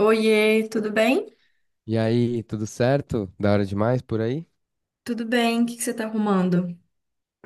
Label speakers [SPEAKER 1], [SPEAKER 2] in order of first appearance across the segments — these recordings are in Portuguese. [SPEAKER 1] Oiê, tudo bem?
[SPEAKER 2] E aí, tudo certo? Da hora demais por aí?
[SPEAKER 1] Tudo bem, o que que você tá arrumando?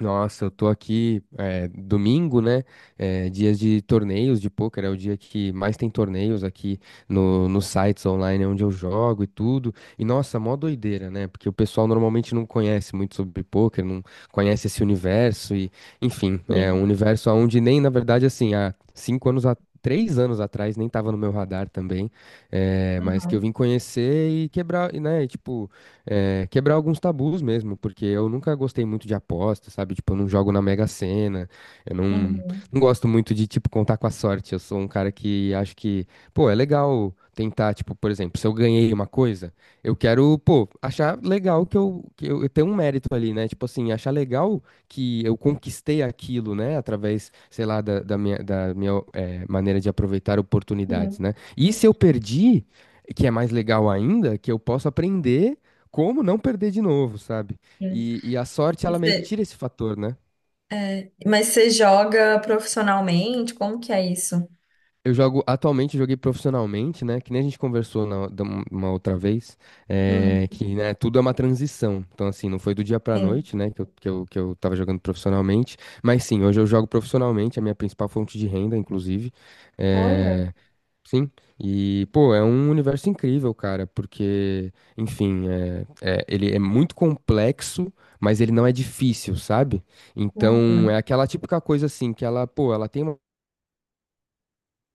[SPEAKER 2] Nossa, eu tô aqui domingo, né? É, dias de torneios de pôquer, é o dia que mais tem torneios aqui no, nos sites online onde eu jogo e tudo. E nossa, mó doideira, né? Porque o pessoal normalmente não conhece muito sobre pôquer, não conhece esse universo enfim, é um universo onde nem, na verdade, assim, há cinco anos a- Três anos atrás, nem tava no meu radar também, é, mas que eu
[SPEAKER 1] Uhum,
[SPEAKER 2] vim conhecer e quebrar, e, né? E, tipo, quebrar alguns tabus mesmo, porque eu nunca gostei muito de aposta, sabe? Tipo, eu não jogo na Mega Sena, eu não,
[SPEAKER 1] uhum,
[SPEAKER 2] não gosto muito de, tipo, contar com a sorte. Eu sou um cara que acho que, pô, é legal tentar, tipo, por exemplo, se eu ganhei uma coisa, eu quero, pô, achar legal eu tenho um mérito ali, né? Tipo assim, achar legal que eu conquistei aquilo, né? Através, sei lá, da minha maneira de aproveitar oportunidades,
[SPEAKER 1] uhum,
[SPEAKER 2] né? E se eu perdi, que é mais legal ainda, que eu posso aprender como não perder de novo, sabe?
[SPEAKER 1] uhum.
[SPEAKER 2] E a sorte,
[SPEAKER 1] E
[SPEAKER 2] ela meio que
[SPEAKER 1] cê-
[SPEAKER 2] tira esse fator, né?
[SPEAKER 1] mas você joga profissionalmente? Como que é isso?
[SPEAKER 2] Eu jogo, atualmente, eu joguei profissionalmente, né? Que nem a gente conversou uma outra vez,
[SPEAKER 1] Uhum,
[SPEAKER 2] é, que né, tudo é uma transição. Então, assim, não foi do dia pra
[SPEAKER 1] sim.
[SPEAKER 2] noite, né? Que eu tava jogando profissionalmente. Mas sim, hoje eu jogo profissionalmente, a minha principal fonte de renda, inclusive.
[SPEAKER 1] Olha.
[SPEAKER 2] é, Sim, e pô, é um universo incrível, cara, porque, enfim, ele é muito complexo, mas ele não é difícil, sabe? Então,
[SPEAKER 1] Uhum,
[SPEAKER 2] é aquela típica coisa assim, que ela, pô, ela tem uma.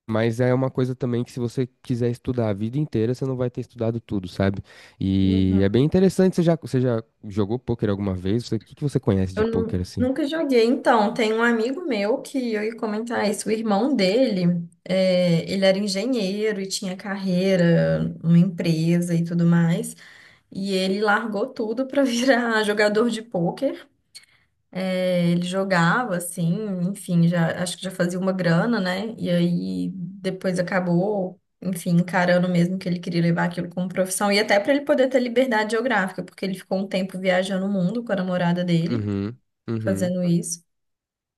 [SPEAKER 2] Mas é uma coisa também que, se você quiser estudar a vida inteira, você não vai ter estudado tudo, sabe? E
[SPEAKER 1] uhum.
[SPEAKER 2] é bem interessante. Você já jogou pôquer alguma vez? Você... O que que você conhece de pôquer assim?
[SPEAKER 1] Nunca joguei. Então, tem um amigo meu que eu ia comentar isso. O irmão dele, ele era engenheiro e tinha carreira, uma empresa e tudo mais. E ele largou tudo para virar jogador de pôquer. É, ele jogava, assim, enfim, já, acho que já fazia uma grana, né? E aí depois acabou, enfim, encarando mesmo que ele queria levar aquilo como profissão. E até para ele poder ter liberdade geográfica, porque ele ficou um tempo viajando o mundo com a namorada dele,
[SPEAKER 2] Uhum, uhum.
[SPEAKER 1] fazendo isso.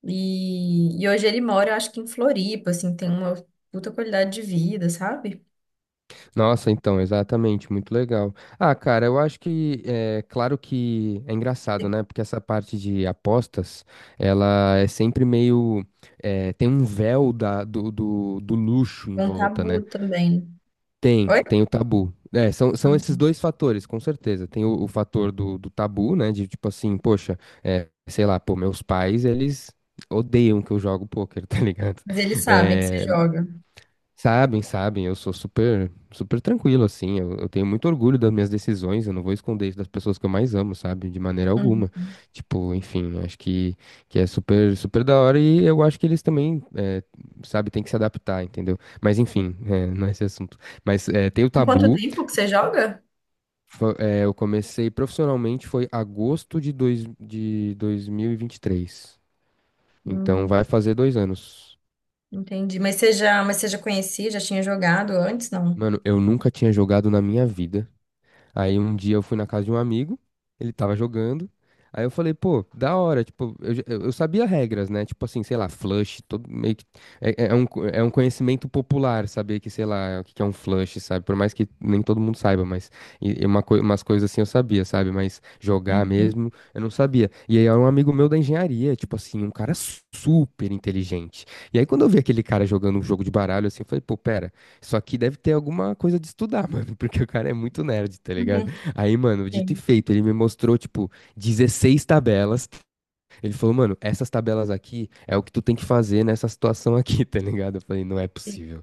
[SPEAKER 1] E hoje ele mora, acho que em Floripa, assim, tem uma puta qualidade de vida, sabe?
[SPEAKER 2] Nossa, então, exatamente, muito legal. Ah, cara, eu acho que é claro que é engraçado, né? Porque essa parte de apostas, ela é sempre meio é, tem um véu do luxo em
[SPEAKER 1] É um
[SPEAKER 2] volta,
[SPEAKER 1] tabu
[SPEAKER 2] né?
[SPEAKER 1] também.
[SPEAKER 2] Tem,
[SPEAKER 1] Oi?
[SPEAKER 2] tem o tabu. É, são esses dois fatores, com certeza. Tem o fator do tabu, né? De tipo assim, poxa, é, sei lá, pô, meus pais, eles odeiam que eu jogo pôquer, tá ligado?
[SPEAKER 1] Mas eles sabem que você
[SPEAKER 2] Eh,
[SPEAKER 1] joga.
[SPEAKER 2] Sabem, sabem, eu sou super, super tranquilo, assim. Eu tenho muito orgulho das minhas decisões, eu não vou esconder isso das pessoas que eu mais amo, sabe? De maneira alguma.
[SPEAKER 1] Uhum.
[SPEAKER 2] Tipo, enfim, acho que é super, super da hora e eu acho que eles também, sabe, tem que se adaptar, entendeu? Mas enfim, não é esse assunto. Mas tem o
[SPEAKER 1] Em quanto
[SPEAKER 2] tabu.
[SPEAKER 1] tempo que você joga?
[SPEAKER 2] Eu comecei profissionalmente foi agosto de dois mil e vinte e três. Então
[SPEAKER 1] Hum.
[SPEAKER 2] vai fazer 2 anos.
[SPEAKER 1] Entendi. Mas você já conhecia, já tinha jogado antes, não?
[SPEAKER 2] Mano, eu nunca tinha jogado na minha vida. Aí um dia eu fui na casa de um amigo, ele tava jogando. Aí eu falei, pô, da hora, tipo, eu sabia regras, né? Tipo assim, sei lá, flush, todo meio que. É um, é um conhecimento popular saber que, sei lá, o que que é um flush, sabe? Por mais que nem todo mundo saiba, mas. E uma, umas coisas assim eu sabia, sabe? Mas jogar
[SPEAKER 1] Uhum.
[SPEAKER 2] mesmo, eu não sabia. E aí era um amigo meu da engenharia, tipo assim, um cara super inteligente. E aí quando eu vi aquele cara jogando um jogo de baralho, assim, eu falei, pô, pera. Só que deve ter alguma coisa de estudar, mano, porque o cara é muito nerd, tá
[SPEAKER 1] Uhum.
[SPEAKER 2] ligado? Aí, mano, dito e
[SPEAKER 1] Sim.
[SPEAKER 2] feito, ele me mostrou, tipo, 16 tabelas. Ele falou, mano, essas tabelas aqui é o que tu tem que fazer nessa situação aqui, tá ligado? Eu falei, não é
[SPEAKER 1] Sim.
[SPEAKER 2] possível.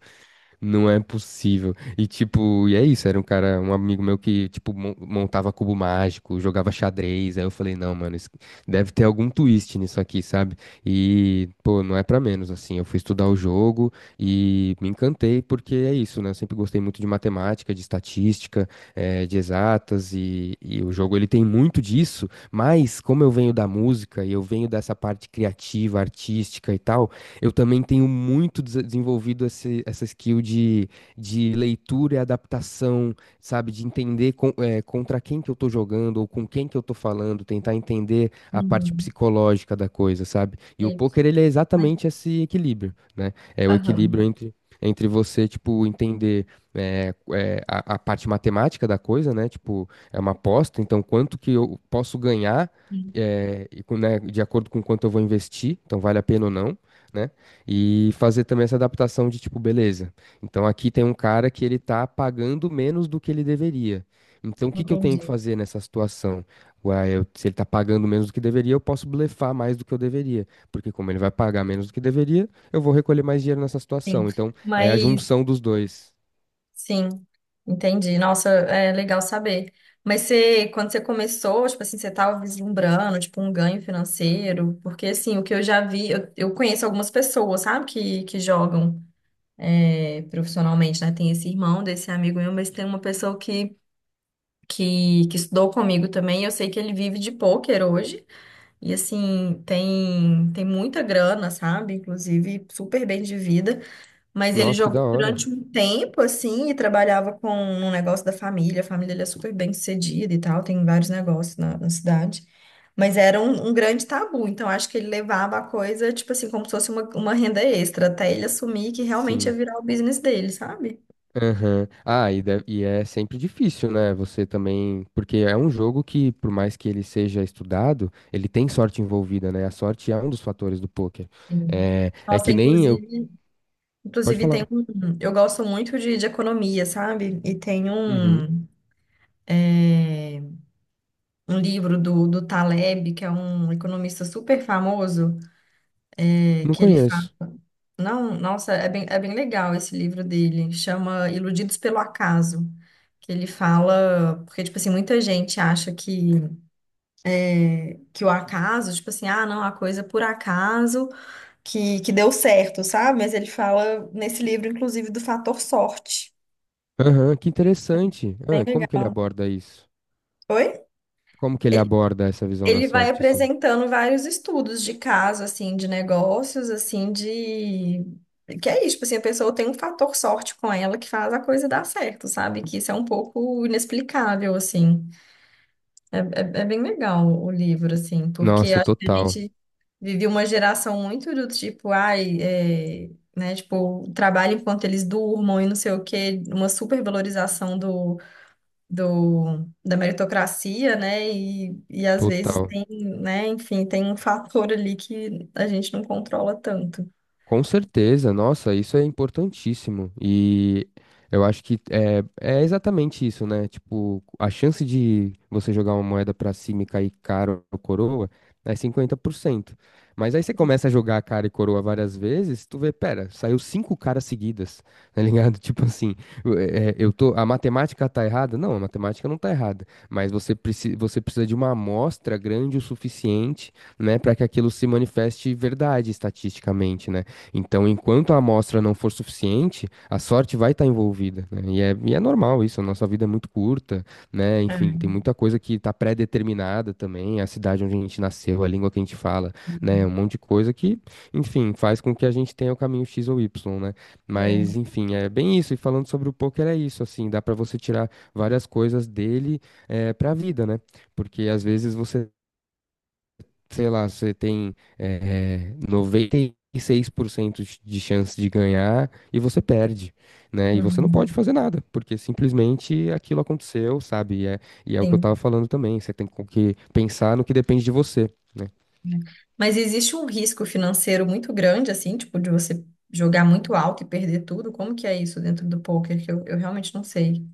[SPEAKER 2] Não é possível. E tipo, e é isso, era um cara, um amigo meu que, tipo, montava cubo mágico, jogava xadrez. Aí eu falei, não, mano, isso... deve ter algum twist nisso aqui, sabe? E, pô, não é pra menos, assim. Eu fui estudar o jogo e me encantei, porque é isso, né? Eu sempre gostei muito de matemática, de estatística, de exatas, e o jogo ele tem muito disso, mas como eu venho da música e eu venho dessa parte criativa, artística e tal. Eu também tenho muito desenvolvido esse, essa skill de leitura e adaptação, sabe? De entender contra quem que eu tô jogando ou com quem que eu tô falando, tentar entender a parte
[SPEAKER 1] Uhum.
[SPEAKER 2] psicológica da coisa, sabe? E o
[SPEAKER 1] Sim.
[SPEAKER 2] poker, ele é
[SPEAKER 1] Mas-
[SPEAKER 2] exatamente esse equilíbrio, né? É o equilíbrio
[SPEAKER 1] Aham.
[SPEAKER 2] entre você, tipo, entender a parte matemática da coisa, né? Tipo, é uma aposta, então quanto que eu posso ganhar
[SPEAKER 1] Sim.
[SPEAKER 2] e né, de acordo com quanto eu vou investir, então vale a pena ou não, né? E fazer também essa adaptação de tipo, beleza. Então aqui tem um cara que ele tá pagando menos do que ele deveria. Então o que que eu tenho que
[SPEAKER 1] Entendi.
[SPEAKER 2] fazer nessa situação? Ué, se ele tá pagando menos do que deveria, eu posso blefar mais do que eu deveria. Porque como ele vai pagar menos do que deveria, eu vou recolher mais dinheiro nessa
[SPEAKER 1] Sim.
[SPEAKER 2] situação. Então é a
[SPEAKER 1] Mas,
[SPEAKER 2] junção dos dois.
[SPEAKER 1] sim, entendi. Nossa, é legal saber. Mas você, quando você começou, tipo assim, você estava vislumbrando, tipo, um ganho financeiro? Porque, assim, o que eu já vi, eu conheço algumas pessoas, sabe, que jogam profissionalmente, né? Tem esse irmão desse amigo meu, mas tem uma pessoa que estudou comigo também. Eu sei que ele vive de pôquer hoje. E assim, tem muita grana, sabe? Inclusive, super bem de vida. Mas ele
[SPEAKER 2] Nossa, que da
[SPEAKER 1] jogou
[SPEAKER 2] hora.
[SPEAKER 1] durante um tempo, assim, e trabalhava com um negócio da família. A família dele é super bem sucedida e tal, tem vários negócios na cidade. Mas era um grande tabu, então acho que ele levava a coisa, tipo assim, como se fosse uma renda extra, até ele assumir que realmente ia
[SPEAKER 2] Sim.
[SPEAKER 1] virar o business dele, sabe?
[SPEAKER 2] Aham. E é sempre difícil, né? Você também. Porque é um jogo que, por mais que ele seja estudado, ele tem sorte envolvida, né? A sorte é um dos fatores do pôquer.
[SPEAKER 1] Sim.
[SPEAKER 2] É, é
[SPEAKER 1] Nossa,
[SPEAKER 2] que nem eu.
[SPEAKER 1] inclusive,
[SPEAKER 2] Pode
[SPEAKER 1] Inclusive, tem
[SPEAKER 2] falar.
[SPEAKER 1] um. Eu gosto muito de economia, sabe? E tem
[SPEAKER 2] Uhum.
[SPEAKER 1] um, é, um livro do Taleb, que é um economista super famoso,
[SPEAKER 2] Não
[SPEAKER 1] que ele fala.
[SPEAKER 2] conheço.
[SPEAKER 1] Não, nossa, é bem legal esse livro dele. Chama Iludidos pelo Acaso. Que ele fala. Porque, tipo assim, muita gente acha que o acaso, tipo assim, ah, não, a coisa é por acaso que deu certo, sabe? Mas ele fala nesse livro, inclusive, do fator sorte.
[SPEAKER 2] Aham, que interessante.
[SPEAKER 1] Bem
[SPEAKER 2] Ah, como que ele
[SPEAKER 1] legal.
[SPEAKER 2] aborda isso?
[SPEAKER 1] Oi?
[SPEAKER 2] Como que ele aborda essa visão da
[SPEAKER 1] Ele vai
[SPEAKER 2] sorte, assim?
[SPEAKER 1] apresentando vários estudos de caso, assim, de negócios, assim, de... Que é isso, tipo assim, a pessoa tem um fator sorte com ela que faz a coisa dar certo, sabe? Que isso é um pouco inexplicável, assim. É bem legal o livro, assim, porque
[SPEAKER 2] Nossa,
[SPEAKER 1] acho que a
[SPEAKER 2] total.
[SPEAKER 1] gente vive uma geração muito do tipo, ai, é, né? Tipo, trabalha enquanto eles durmam e não sei o quê, uma supervalorização da meritocracia, né? E às vezes
[SPEAKER 2] Total.
[SPEAKER 1] tem, né? Enfim, tem um fator ali que a gente não controla tanto.
[SPEAKER 2] Com certeza, nossa, isso é importantíssimo. E eu acho que é exatamente isso, né? Tipo, a chance de você jogar uma moeda pra cima e cair cara ou coroa é 50%. Mas aí você começa a jogar cara e coroa várias vezes, tu vê, pera, saiu 5 caras seguidas, tá ligado? Tipo assim, eu é, eu tô, a matemática tá errada? Não, a matemática não tá errada, mas você precisa de uma amostra grande o suficiente, né, para que aquilo se manifeste verdade estatisticamente, né? Então, enquanto a amostra não for suficiente, a sorte vai estar envolvida, né? E é normal isso, a nossa vida é muito curta, né?
[SPEAKER 1] É.
[SPEAKER 2] Enfim, tem muita coisa que está pré-determinada também, a cidade onde a gente nasceu, a língua que a gente fala, né? Um monte de coisa que, enfim, faz com que a gente tenha o caminho X ou Y, né?
[SPEAKER 1] É.
[SPEAKER 2] Mas, enfim, é bem isso. E falando sobre o poker, é isso, assim, dá para você tirar várias coisas dele, para a vida, né? Porque às vezes você sei lá, você tem noventa e 96% de chance de ganhar e você perde, né? E você não pode
[SPEAKER 1] Uhum.
[SPEAKER 2] fazer nada, porque simplesmente aquilo aconteceu, sabe? E é o que eu tava
[SPEAKER 1] Sim.
[SPEAKER 2] falando também, você tem com que pensar no que depende de você. Né?
[SPEAKER 1] Mas existe um risco financeiro muito grande, assim, tipo, de você jogar muito alto e perder tudo. Como que é isso dentro do poker? Que eu realmente não sei.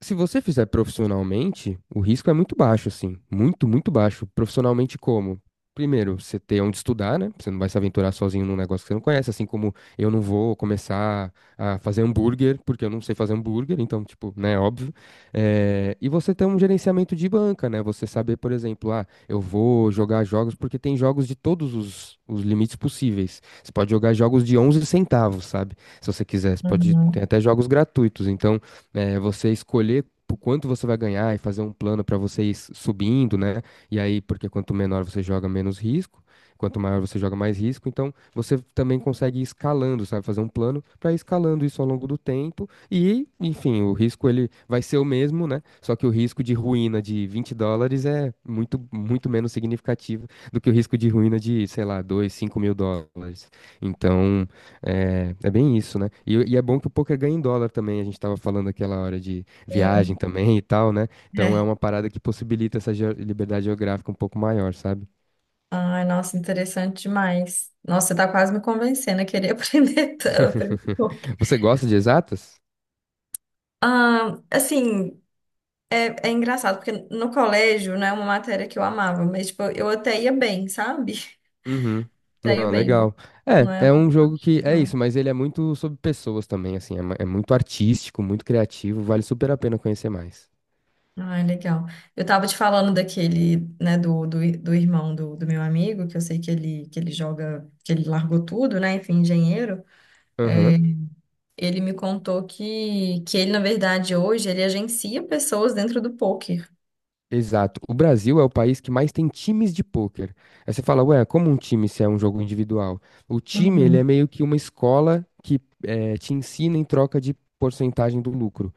[SPEAKER 2] Se você fizer profissionalmente, o risco é muito baixo, assim. Muito, muito baixo. Profissionalmente como? Primeiro, você ter onde estudar, né? Você não vai se aventurar sozinho num negócio que você não conhece, assim como eu não vou começar a fazer hambúrguer, porque eu não sei fazer hambúrguer, então, tipo, né, óbvio. E você ter um gerenciamento de banca, né? Você saber, por exemplo, ah, eu vou jogar jogos, porque tem jogos de todos os limites possíveis. Você pode jogar jogos de 11 centavos, sabe? Se você quiser, você pode, tem
[SPEAKER 1] Uhum.
[SPEAKER 2] até jogos gratuitos, então é, você escolher o quanto você vai ganhar e fazer um plano para você ir subindo, né? E aí, porque quanto menor você joga, menos risco. Quanto maior você joga, mais risco. Então, você também consegue ir escalando, sabe? Fazer um plano para ir escalando isso ao longo do tempo. E, enfim, o risco ele vai ser o mesmo, né? Só que o risco de ruína de $20 é muito, muito menos significativo do que o risco de ruína de, sei lá, 2, $5.000. Então, é, é bem isso, né? E é bom que o poker ganha em dólar também. A gente tava falando aquela hora de
[SPEAKER 1] Sim.
[SPEAKER 2] viagem também e tal, né? Então é
[SPEAKER 1] É.
[SPEAKER 2] uma parada que possibilita essa liberdade geográfica um pouco maior, sabe?
[SPEAKER 1] Ai, nossa, interessante demais. Nossa, você tá quase me convencendo a querer aprender, aprender poker.
[SPEAKER 2] Você gosta de exatas?
[SPEAKER 1] Ah, assim, é, é engraçado, porque no colégio não é uma matéria que eu amava, mas tipo, eu até ia bem, sabe?
[SPEAKER 2] Uhum.
[SPEAKER 1] Até ia
[SPEAKER 2] Não,
[SPEAKER 1] bem, né?
[SPEAKER 2] legal.
[SPEAKER 1] Não é
[SPEAKER 2] É,
[SPEAKER 1] uma
[SPEAKER 2] é um jogo
[SPEAKER 1] paixão,
[SPEAKER 2] que é
[SPEAKER 1] não.
[SPEAKER 2] isso, mas ele é muito sobre pessoas também, assim. É muito artístico, muito criativo. Vale super a pena conhecer mais.
[SPEAKER 1] Ah, legal. Eu tava te falando daquele, né, do irmão do meu amigo, que eu sei que ele joga, que ele largou tudo, né, enfim, engenheiro.
[SPEAKER 2] Aham.
[SPEAKER 1] Ele me contou que ele, na verdade, hoje, ele agencia pessoas dentro do poker.
[SPEAKER 2] Exato. O Brasil é o país que mais tem times de pôquer. Aí você fala, ué, como um time se é um jogo individual? O time, ele
[SPEAKER 1] Uhum,
[SPEAKER 2] é meio que uma escola que te ensina em troca de porcentagem do lucro.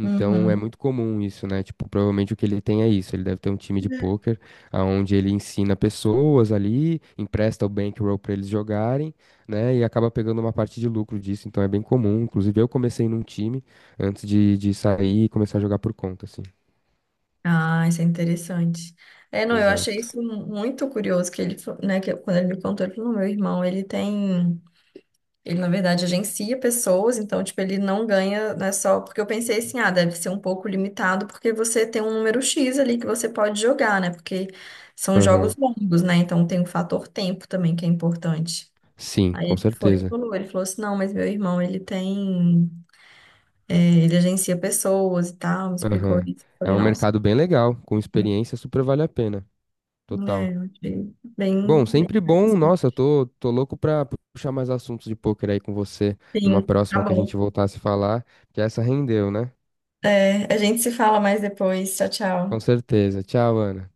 [SPEAKER 2] Então, é
[SPEAKER 1] uhum.
[SPEAKER 2] muito comum isso, né? Tipo, provavelmente o que ele tem é isso. Ele deve ter um time de pôquer, onde ele ensina pessoas ali, empresta o bankroll para eles jogarem, né? E acaba pegando uma parte de lucro disso. Então, é bem comum. Inclusive, eu comecei num time antes de sair e começar a jogar por conta, assim.
[SPEAKER 1] Ah, isso é interessante. É, não, eu achei
[SPEAKER 2] Exato.
[SPEAKER 1] isso muito curioso que ele, fa- né, quando ele me contou, ele falou, "Não, meu irmão, ele tem, ele na verdade agencia pessoas, então tipo, ele não ganha, não é só, porque eu pensei assim, ah, deve ser um pouco limitado, porque você tem um número X ali que você pode jogar, né? Porque são jogos
[SPEAKER 2] Aham.
[SPEAKER 1] longos, né? Então tem o fator tempo também que é importante.
[SPEAKER 2] Sim,
[SPEAKER 1] Aí
[SPEAKER 2] com
[SPEAKER 1] ele foi e
[SPEAKER 2] certeza.
[SPEAKER 1] falou, ele falou assim, não, mas meu irmão, ele tem, é, ele agencia pessoas e tal, me explicou
[SPEAKER 2] Aham.
[SPEAKER 1] isso. Eu
[SPEAKER 2] É
[SPEAKER 1] falei,
[SPEAKER 2] um
[SPEAKER 1] nossa.
[SPEAKER 2] mercado bem legal, com experiência super vale a pena. Total.
[SPEAKER 1] É, eu achei bem,
[SPEAKER 2] Bom,
[SPEAKER 1] bem
[SPEAKER 2] sempre bom.
[SPEAKER 1] interessante.
[SPEAKER 2] Nossa, tô louco pra puxar mais assuntos de pôquer aí com você numa
[SPEAKER 1] Sim, tá
[SPEAKER 2] próxima que a
[SPEAKER 1] bom.
[SPEAKER 2] gente voltar a se falar, que essa rendeu, né?
[SPEAKER 1] É, a gente se fala mais depois. Tchau,
[SPEAKER 2] Com
[SPEAKER 1] tchau.
[SPEAKER 2] certeza. Tchau, Ana.